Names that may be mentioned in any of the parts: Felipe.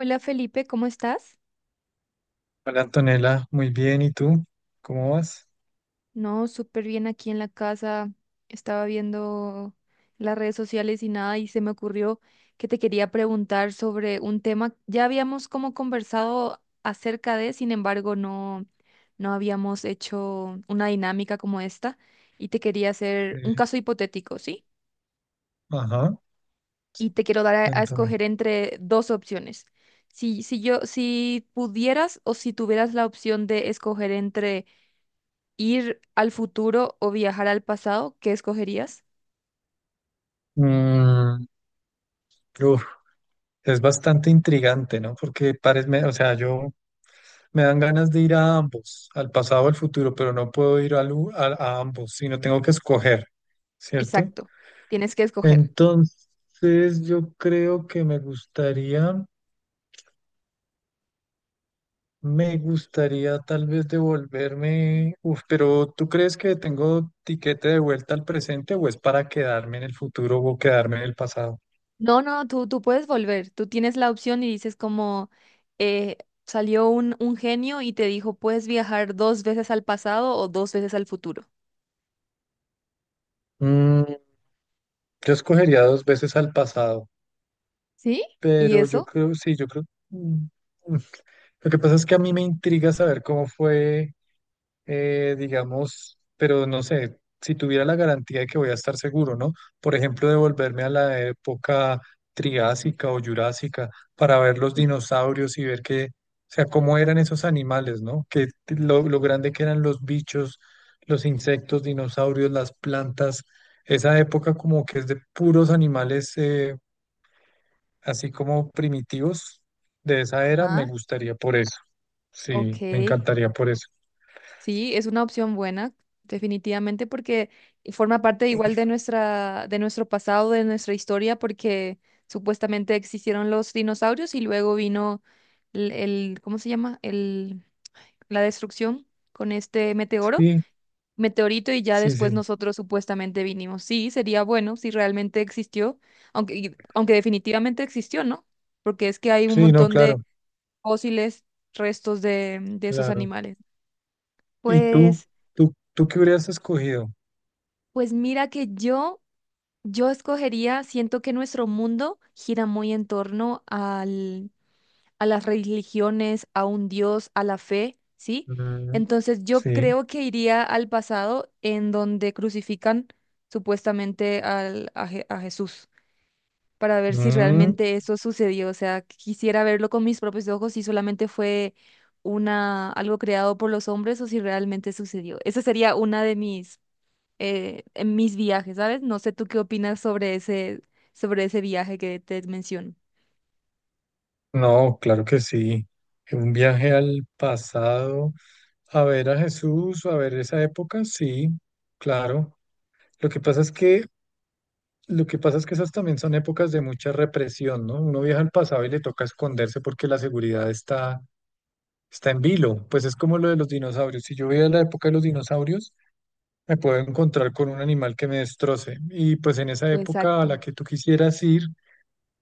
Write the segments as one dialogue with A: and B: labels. A: Hola Felipe, ¿cómo estás?
B: Hola Antonella, muy bien. ¿Y tú? ¿Cómo vas?
A: No, súper bien aquí en la casa. Estaba viendo las redes sociales y nada, y se me ocurrió que te quería preguntar sobre un tema. Ya habíamos como conversado acerca de, sin embargo, no, no habíamos hecho una dinámica como esta. Y te quería hacer un
B: Eh,
A: caso hipotético, ¿sí?
B: ajá,
A: Y te quiero dar a
B: cuéntame.
A: escoger entre dos opciones. Si pudieras o si tuvieras la opción de escoger entre, ¿ir al futuro o viajar al pasado? ¿Qué escogerías?
B: Mm, uf, es bastante intrigante, ¿no? Porque parece, o sea, yo me dan ganas de ir a ambos, al pasado o al futuro, pero no puedo ir a ambos, sino tengo que escoger, ¿cierto?
A: Exacto, tienes que escoger.
B: Entonces, yo creo que me gustaría. Me gustaría tal vez devolverme, uf, pero ¿tú crees que tengo tiquete de vuelta al presente o es para quedarme en el futuro o quedarme en el pasado?
A: No, no, tú puedes volver, tú tienes la opción y dices como eh, salió un genio y te dijo, puedes viajar dos veces al pasado o dos veces al futuro.
B: Mm, yo escogería dos veces al pasado,
A: ¿Sí? ¿Y
B: pero yo
A: eso?
B: creo, sí, yo creo. Mm, mm. Lo que pasa es que a mí me intriga saber cómo fue. Digamos, pero no sé, si tuviera la garantía de que voy a estar seguro, ¿no? Por ejemplo, devolverme a la época triásica o jurásica para ver los dinosaurios y ver que, o sea, cómo eran esos animales, ¿no? Que lo grande que eran los bichos, los insectos, dinosaurios, las plantas, esa época como que es de puros animales, así como primitivos de esa era, me
A: Ajá,
B: gustaría por eso.
A: ok.
B: Sí, me encantaría por eso.
A: Sí, es una opción buena, definitivamente, porque forma parte igual de nuestra, de nuestro pasado, de nuestra historia, porque supuestamente existieron los dinosaurios y luego vino el, ¿cómo se llama? El, la destrucción con este meteoro,
B: Sí,
A: meteorito, y ya
B: sí,
A: después
B: sí.
A: nosotros supuestamente vinimos. Sí, sería bueno si realmente existió, aunque, aunque definitivamente existió, ¿no? Porque es que hay un
B: Sí, no,
A: montón de
B: claro,
A: fósiles, restos de esos
B: claro.
A: animales.
B: ¿Y tú?
A: Pues.
B: ¿Tú qué hubieras escogido?
A: Pues mira que yo escogería, siento que nuestro mundo gira muy en torno al, a las religiones, a un Dios, a la fe, ¿sí?
B: Mm,
A: Entonces yo
B: sí.
A: creo que iría al pasado en donde crucifican supuestamente al, a, a Jesús para ver si
B: Mm,
A: realmente eso sucedió. O sea, quisiera verlo con mis propios ojos si solamente fue una, algo creado por los hombres o si realmente sucedió. Esa sería una de mis en mis viajes, ¿sabes? No sé tú qué opinas sobre ese viaje que te menciono.
B: no, claro que sí. Un viaje al pasado, a ver a Jesús, a ver esa época, sí, claro. Lo que pasa es que, lo que pasa es que esas también son épocas de mucha represión, ¿no? Uno viaja al pasado y le toca esconderse porque la seguridad está en vilo. Pues es como lo de los dinosaurios. Si yo voy a la época de los dinosaurios, me puedo encontrar con un animal que me destroce. Y pues en esa época a
A: Exacto,
B: la que tú quisieras ir,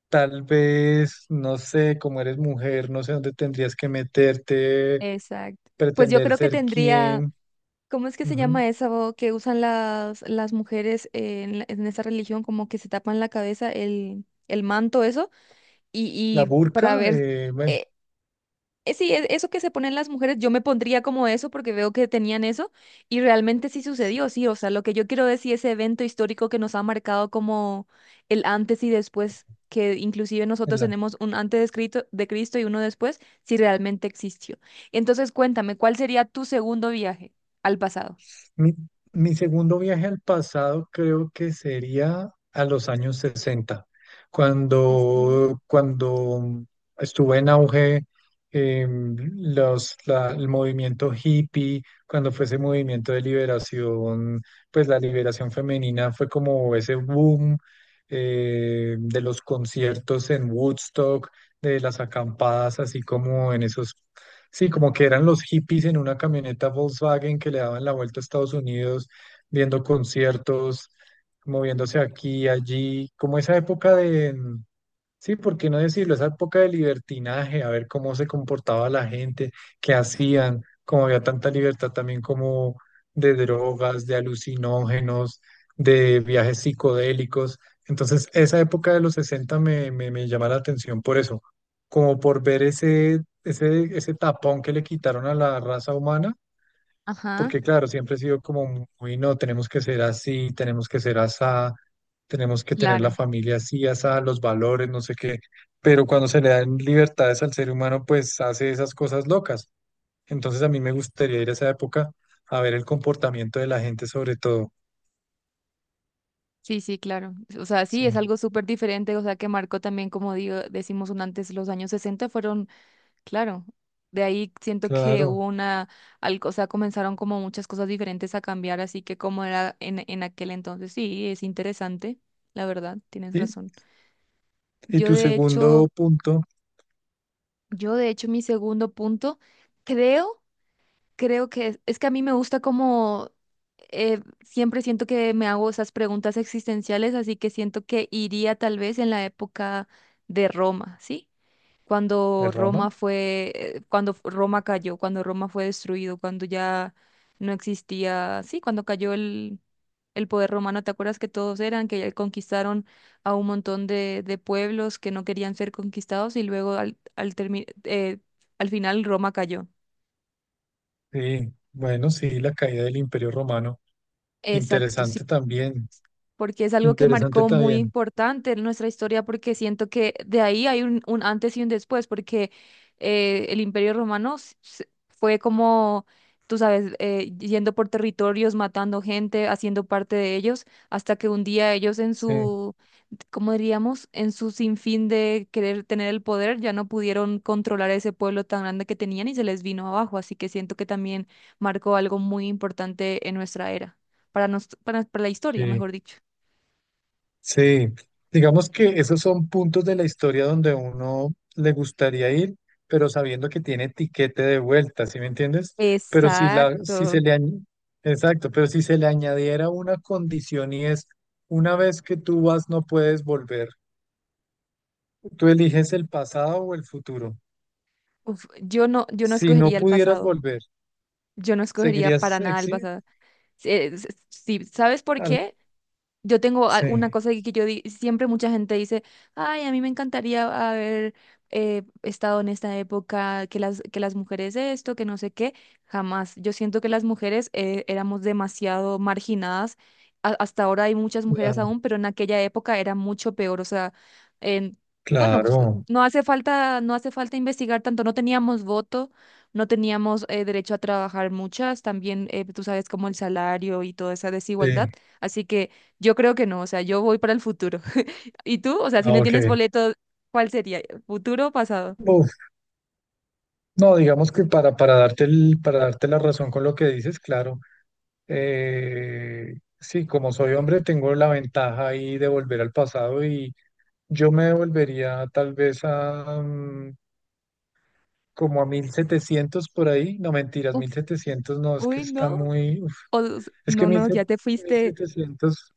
B: tal vez, no sé, como eres mujer, no sé dónde tendrías que meterte,
A: exacto. Pues yo
B: pretender
A: creo que
B: ser
A: tendría,
B: quién.
A: ¿cómo es que se
B: Ujú.
A: llama eso que usan las mujeres en, en esa religión? Como que se tapan la cabeza, el manto, eso, y,
B: La
A: y para
B: burka,
A: ver,
B: bueno,
A: eh, sí, eso que se ponen las mujeres, yo me pondría como eso porque veo que tenían eso y realmente sí
B: sí.
A: sucedió, sí, o sea, lo que yo quiero decir, ese evento histórico que nos ha marcado como el antes y después, que inclusive nosotros
B: en
A: tenemos un antes de Cristo y uno después, si realmente existió. Entonces, cuéntame, ¿cuál sería tu segundo viaje al pasado?
B: Mi, mi segundo viaje al pasado creo que sería a los años 60,
A: Este,
B: cuando estuvo en auge el movimiento hippie, cuando fue ese movimiento de liberación, pues la liberación femenina fue como ese boom de los conciertos en Woodstock, de las acampadas, así como en esos. Sí, como que eran los hippies en una camioneta Volkswagen que le daban la vuelta a Estados Unidos, viendo conciertos, moviéndose aquí y allí, como esa época de, sí, ¿por qué no decirlo? Esa época de libertinaje, a ver cómo se comportaba la gente, qué hacían, como había tanta libertad también como de drogas, de alucinógenos, de viajes psicodélicos. Entonces, esa época de los 60 me llama la atención por eso, como por ver ese tapón que le quitaron a la raza humana porque
A: ajá,
B: claro, siempre he sido como muy, no, tenemos que ser así, tenemos que ser asá, tenemos que tener la
A: claro.
B: familia así, asá, los valores, no sé qué, pero cuando se le dan libertades al ser humano, pues hace esas cosas locas. Entonces a mí me gustaría ir a esa época a ver el comportamiento de la gente sobre todo.
A: Sí, sí, claro. O sea, sí, es
B: Sí,
A: algo súper diferente, o sea, que marcó también, como digo, decimos un antes, los años 60 fueron. Claro, de ahí siento que
B: claro.
A: hubo una, o sea, comenzaron como muchas cosas diferentes a cambiar, así que como era en aquel entonces, sí, es interesante, la verdad, tienes
B: Y,
A: razón.
B: y
A: Yo
B: tu
A: de hecho,
B: segundo punto
A: yo de hecho mi segundo punto, creo, creo que es que a mí me gusta como, siempre siento que me hago esas preguntas existenciales, así que siento que iría tal vez en la época de Roma, ¿sí? Cuando
B: es Roma.
A: Roma fue, cuando Roma cayó, cuando Roma fue destruido, cuando ya no existía, sí, cuando cayó el poder romano, ¿te acuerdas que todos eran, que ya conquistaron a un montón de pueblos que no querían ser conquistados y luego al, al final Roma cayó?
B: Sí, bueno, sí, la caída del Imperio Romano.
A: Exacto,
B: Interesante
A: sí.
B: también,
A: Porque es algo que
B: interesante
A: marcó muy
B: también.
A: importante en nuestra historia, porque siento que de ahí hay un antes y un después, porque el Imperio Romano fue como, tú sabes, yendo por territorios, matando gente, haciendo parte de ellos, hasta que un día ellos en
B: Sí,
A: su, ¿cómo diríamos?, en su sinfín de querer tener el poder, ya no pudieron controlar ese pueblo tan grande que tenían y se les vino abajo, así que siento que también marcó algo muy importante en nuestra era, para, nos, para la historia,
B: sí.
A: mejor dicho.
B: Sí, digamos que esos son puntos de la historia donde uno le gustaría ir, pero sabiendo que tiene tiquete de vuelta, ¿sí me entiendes? Pero si la, si
A: Exacto.
B: se le añ- exacto, pero si se le añadiera una condición y es una vez que tú vas no puedes volver. Tú eliges el pasado o el futuro.
A: Uf, yo no, yo no
B: Si no
A: escogería el
B: pudieras
A: pasado.
B: volver,
A: Yo no escogería para
B: seguirías
A: nada el
B: exi-
A: pasado. Si, ¿sabes por
B: al-
A: qué? Yo tengo una
B: Sí,
A: cosa que yo siempre mucha gente dice, ay, a mí me encantaría haber estado en esta época, que las mujeres esto, que no sé qué, jamás. Yo siento que las mujeres éramos demasiado marginadas. Hasta ahora hay muchas mujeres
B: la-
A: aún, pero en aquella época era mucho peor. O sea, en- bueno, pues,
B: claro.
A: no hace falta, no hace falta investigar tanto. No teníamos voto, no teníamos derecho a trabajar muchas. También tú sabes como el salario y toda esa desigualdad.
B: Sí.
A: Así que yo creo que no, o sea, yo voy para el futuro. ¿Y tú? O sea, si
B: Ah,
A: no tienes
B: ok.
A: boleto, ¿cuál sería? ¿Futuro o pasado?
B: No, digamos que para darte la razón con lo que dices, claro, eh, sí, como soy hombre, tengo la ventaja ahí de volver al pasado y yo me devolvería tal vez a como a 1700 por ahí, no mentiras,
A: Uf,
B: 1700 no, es que
A: uy,
B: está
A: no.
B: muy, uf,
A: O,
B: es que
A: no,
B: mil
A: no, ya te fuiste.
B: setecientos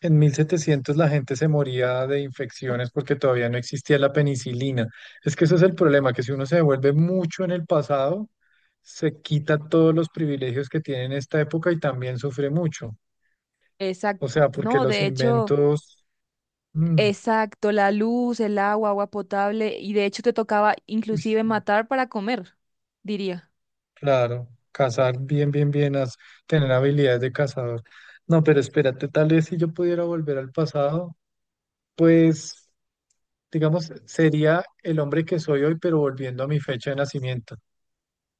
B: En 1700 la gente se moría de infecciones porque todavía no existía la penicilina. Es que ese es el problema, que si uno se vuelve mucho en el pasado, se quita todos los privilegios que tiene en esta época y también sufre mucho. O
A: Exacto.
B: sea, porque
A: No,
B: los
A: de hecho.
B: inventos, mm,
A: Exacto, la luz, el agua, agua potable, y de hecho te tocaba
B: uy,
A: inclusive matar para comer, diría.
B: claro, cazar bien, bien, bien, tener habilidades de cazador. No, pero espérate, tal vez si yo pudiera volver al pasado, pues, digamos, sería el hombre que soy hoy, pero volviendo a mi fecha de nacimiento.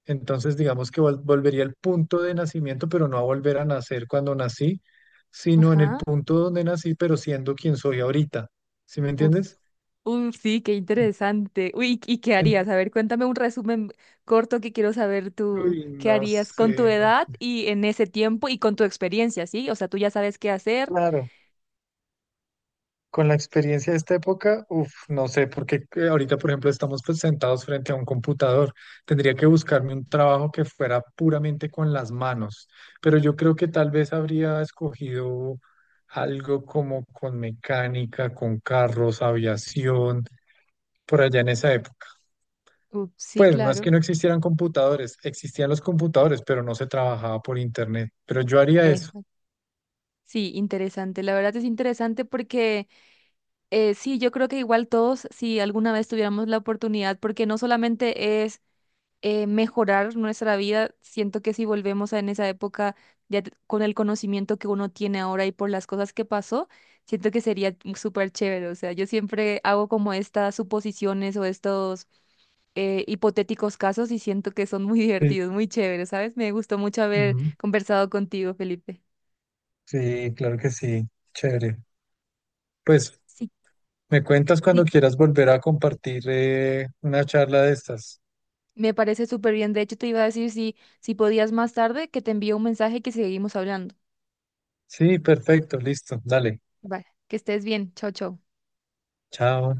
B: Entonces, digamos que volvería al punto de nacimiento, pero no a volver a nacer cuando nací, sino en el
A: Ajá.
B: punto donde nací, pero siendo quien soy ahorita. ¿Sí me
A: Uf.
B: entiendes?
A: Uf, sí, qué interesante. Uy, ¿y qué
B: En-
A: harías? A ver, cuéntame un resumen corto que quiero saber tú,
B: Uy,
A: ¿qué
B: no
A: harías con tu
B: sé, no
A: edad
B: sé.
A: y en ese tiempo y con tu experiencia, ¿sí? O sea, tú ya sabes qué hacer.
B: Claro. Con la experiencia de esta época, uff, no sé, porque ahorita, por ejemplo, estamos pues, sentados frente a un computador. Tendría que buscarme un trabajo que fuera puramente con las manos, pero yo creo que tal vez habría escogido algo como con mecánica, con carros, aviación, por allá en esa época.
A: Uf, sí,
B: Pues no es que
A: claro.
B: no existieran computadores, existían los computadores, pero no se trabajaba por internet. Pero yo haría eso.
A: Eso. Sí, interesante. La verdad es interesante porque sí, yo creo que igual todos, si alguna vez tuviéramos la oportunidad, porque no solamente es mejorar nuestra vida. Siento que si volvemos a en esa época, ya con el conocimiento que uno tiene ahora y por las cosas que pasó, siento que sería súper chévere. O sea, yo siempre hago como estas suposiciones o estos hipotéticos casos y siento que son muy
B: Sí,
A: divertidos, muy chéveres, ¿sabes? Me gustó mucho haber
B: ujú,
A: conversado contigo, Felipe.
B: sí, claro que sí, chévere. Pues
A: Sí,
B: me cuentas cuando
A: sí,
B: quieras volver a compartir una charla de estas.
A: me parece súper bien. De hecho, te iba a decir si, si podías más tarde que te envíe un mensaje que seguimos hablando.
B: Sí, perfecto, listo, dale,
A: Vale, que estés bien. Chao, chao.
B: chao.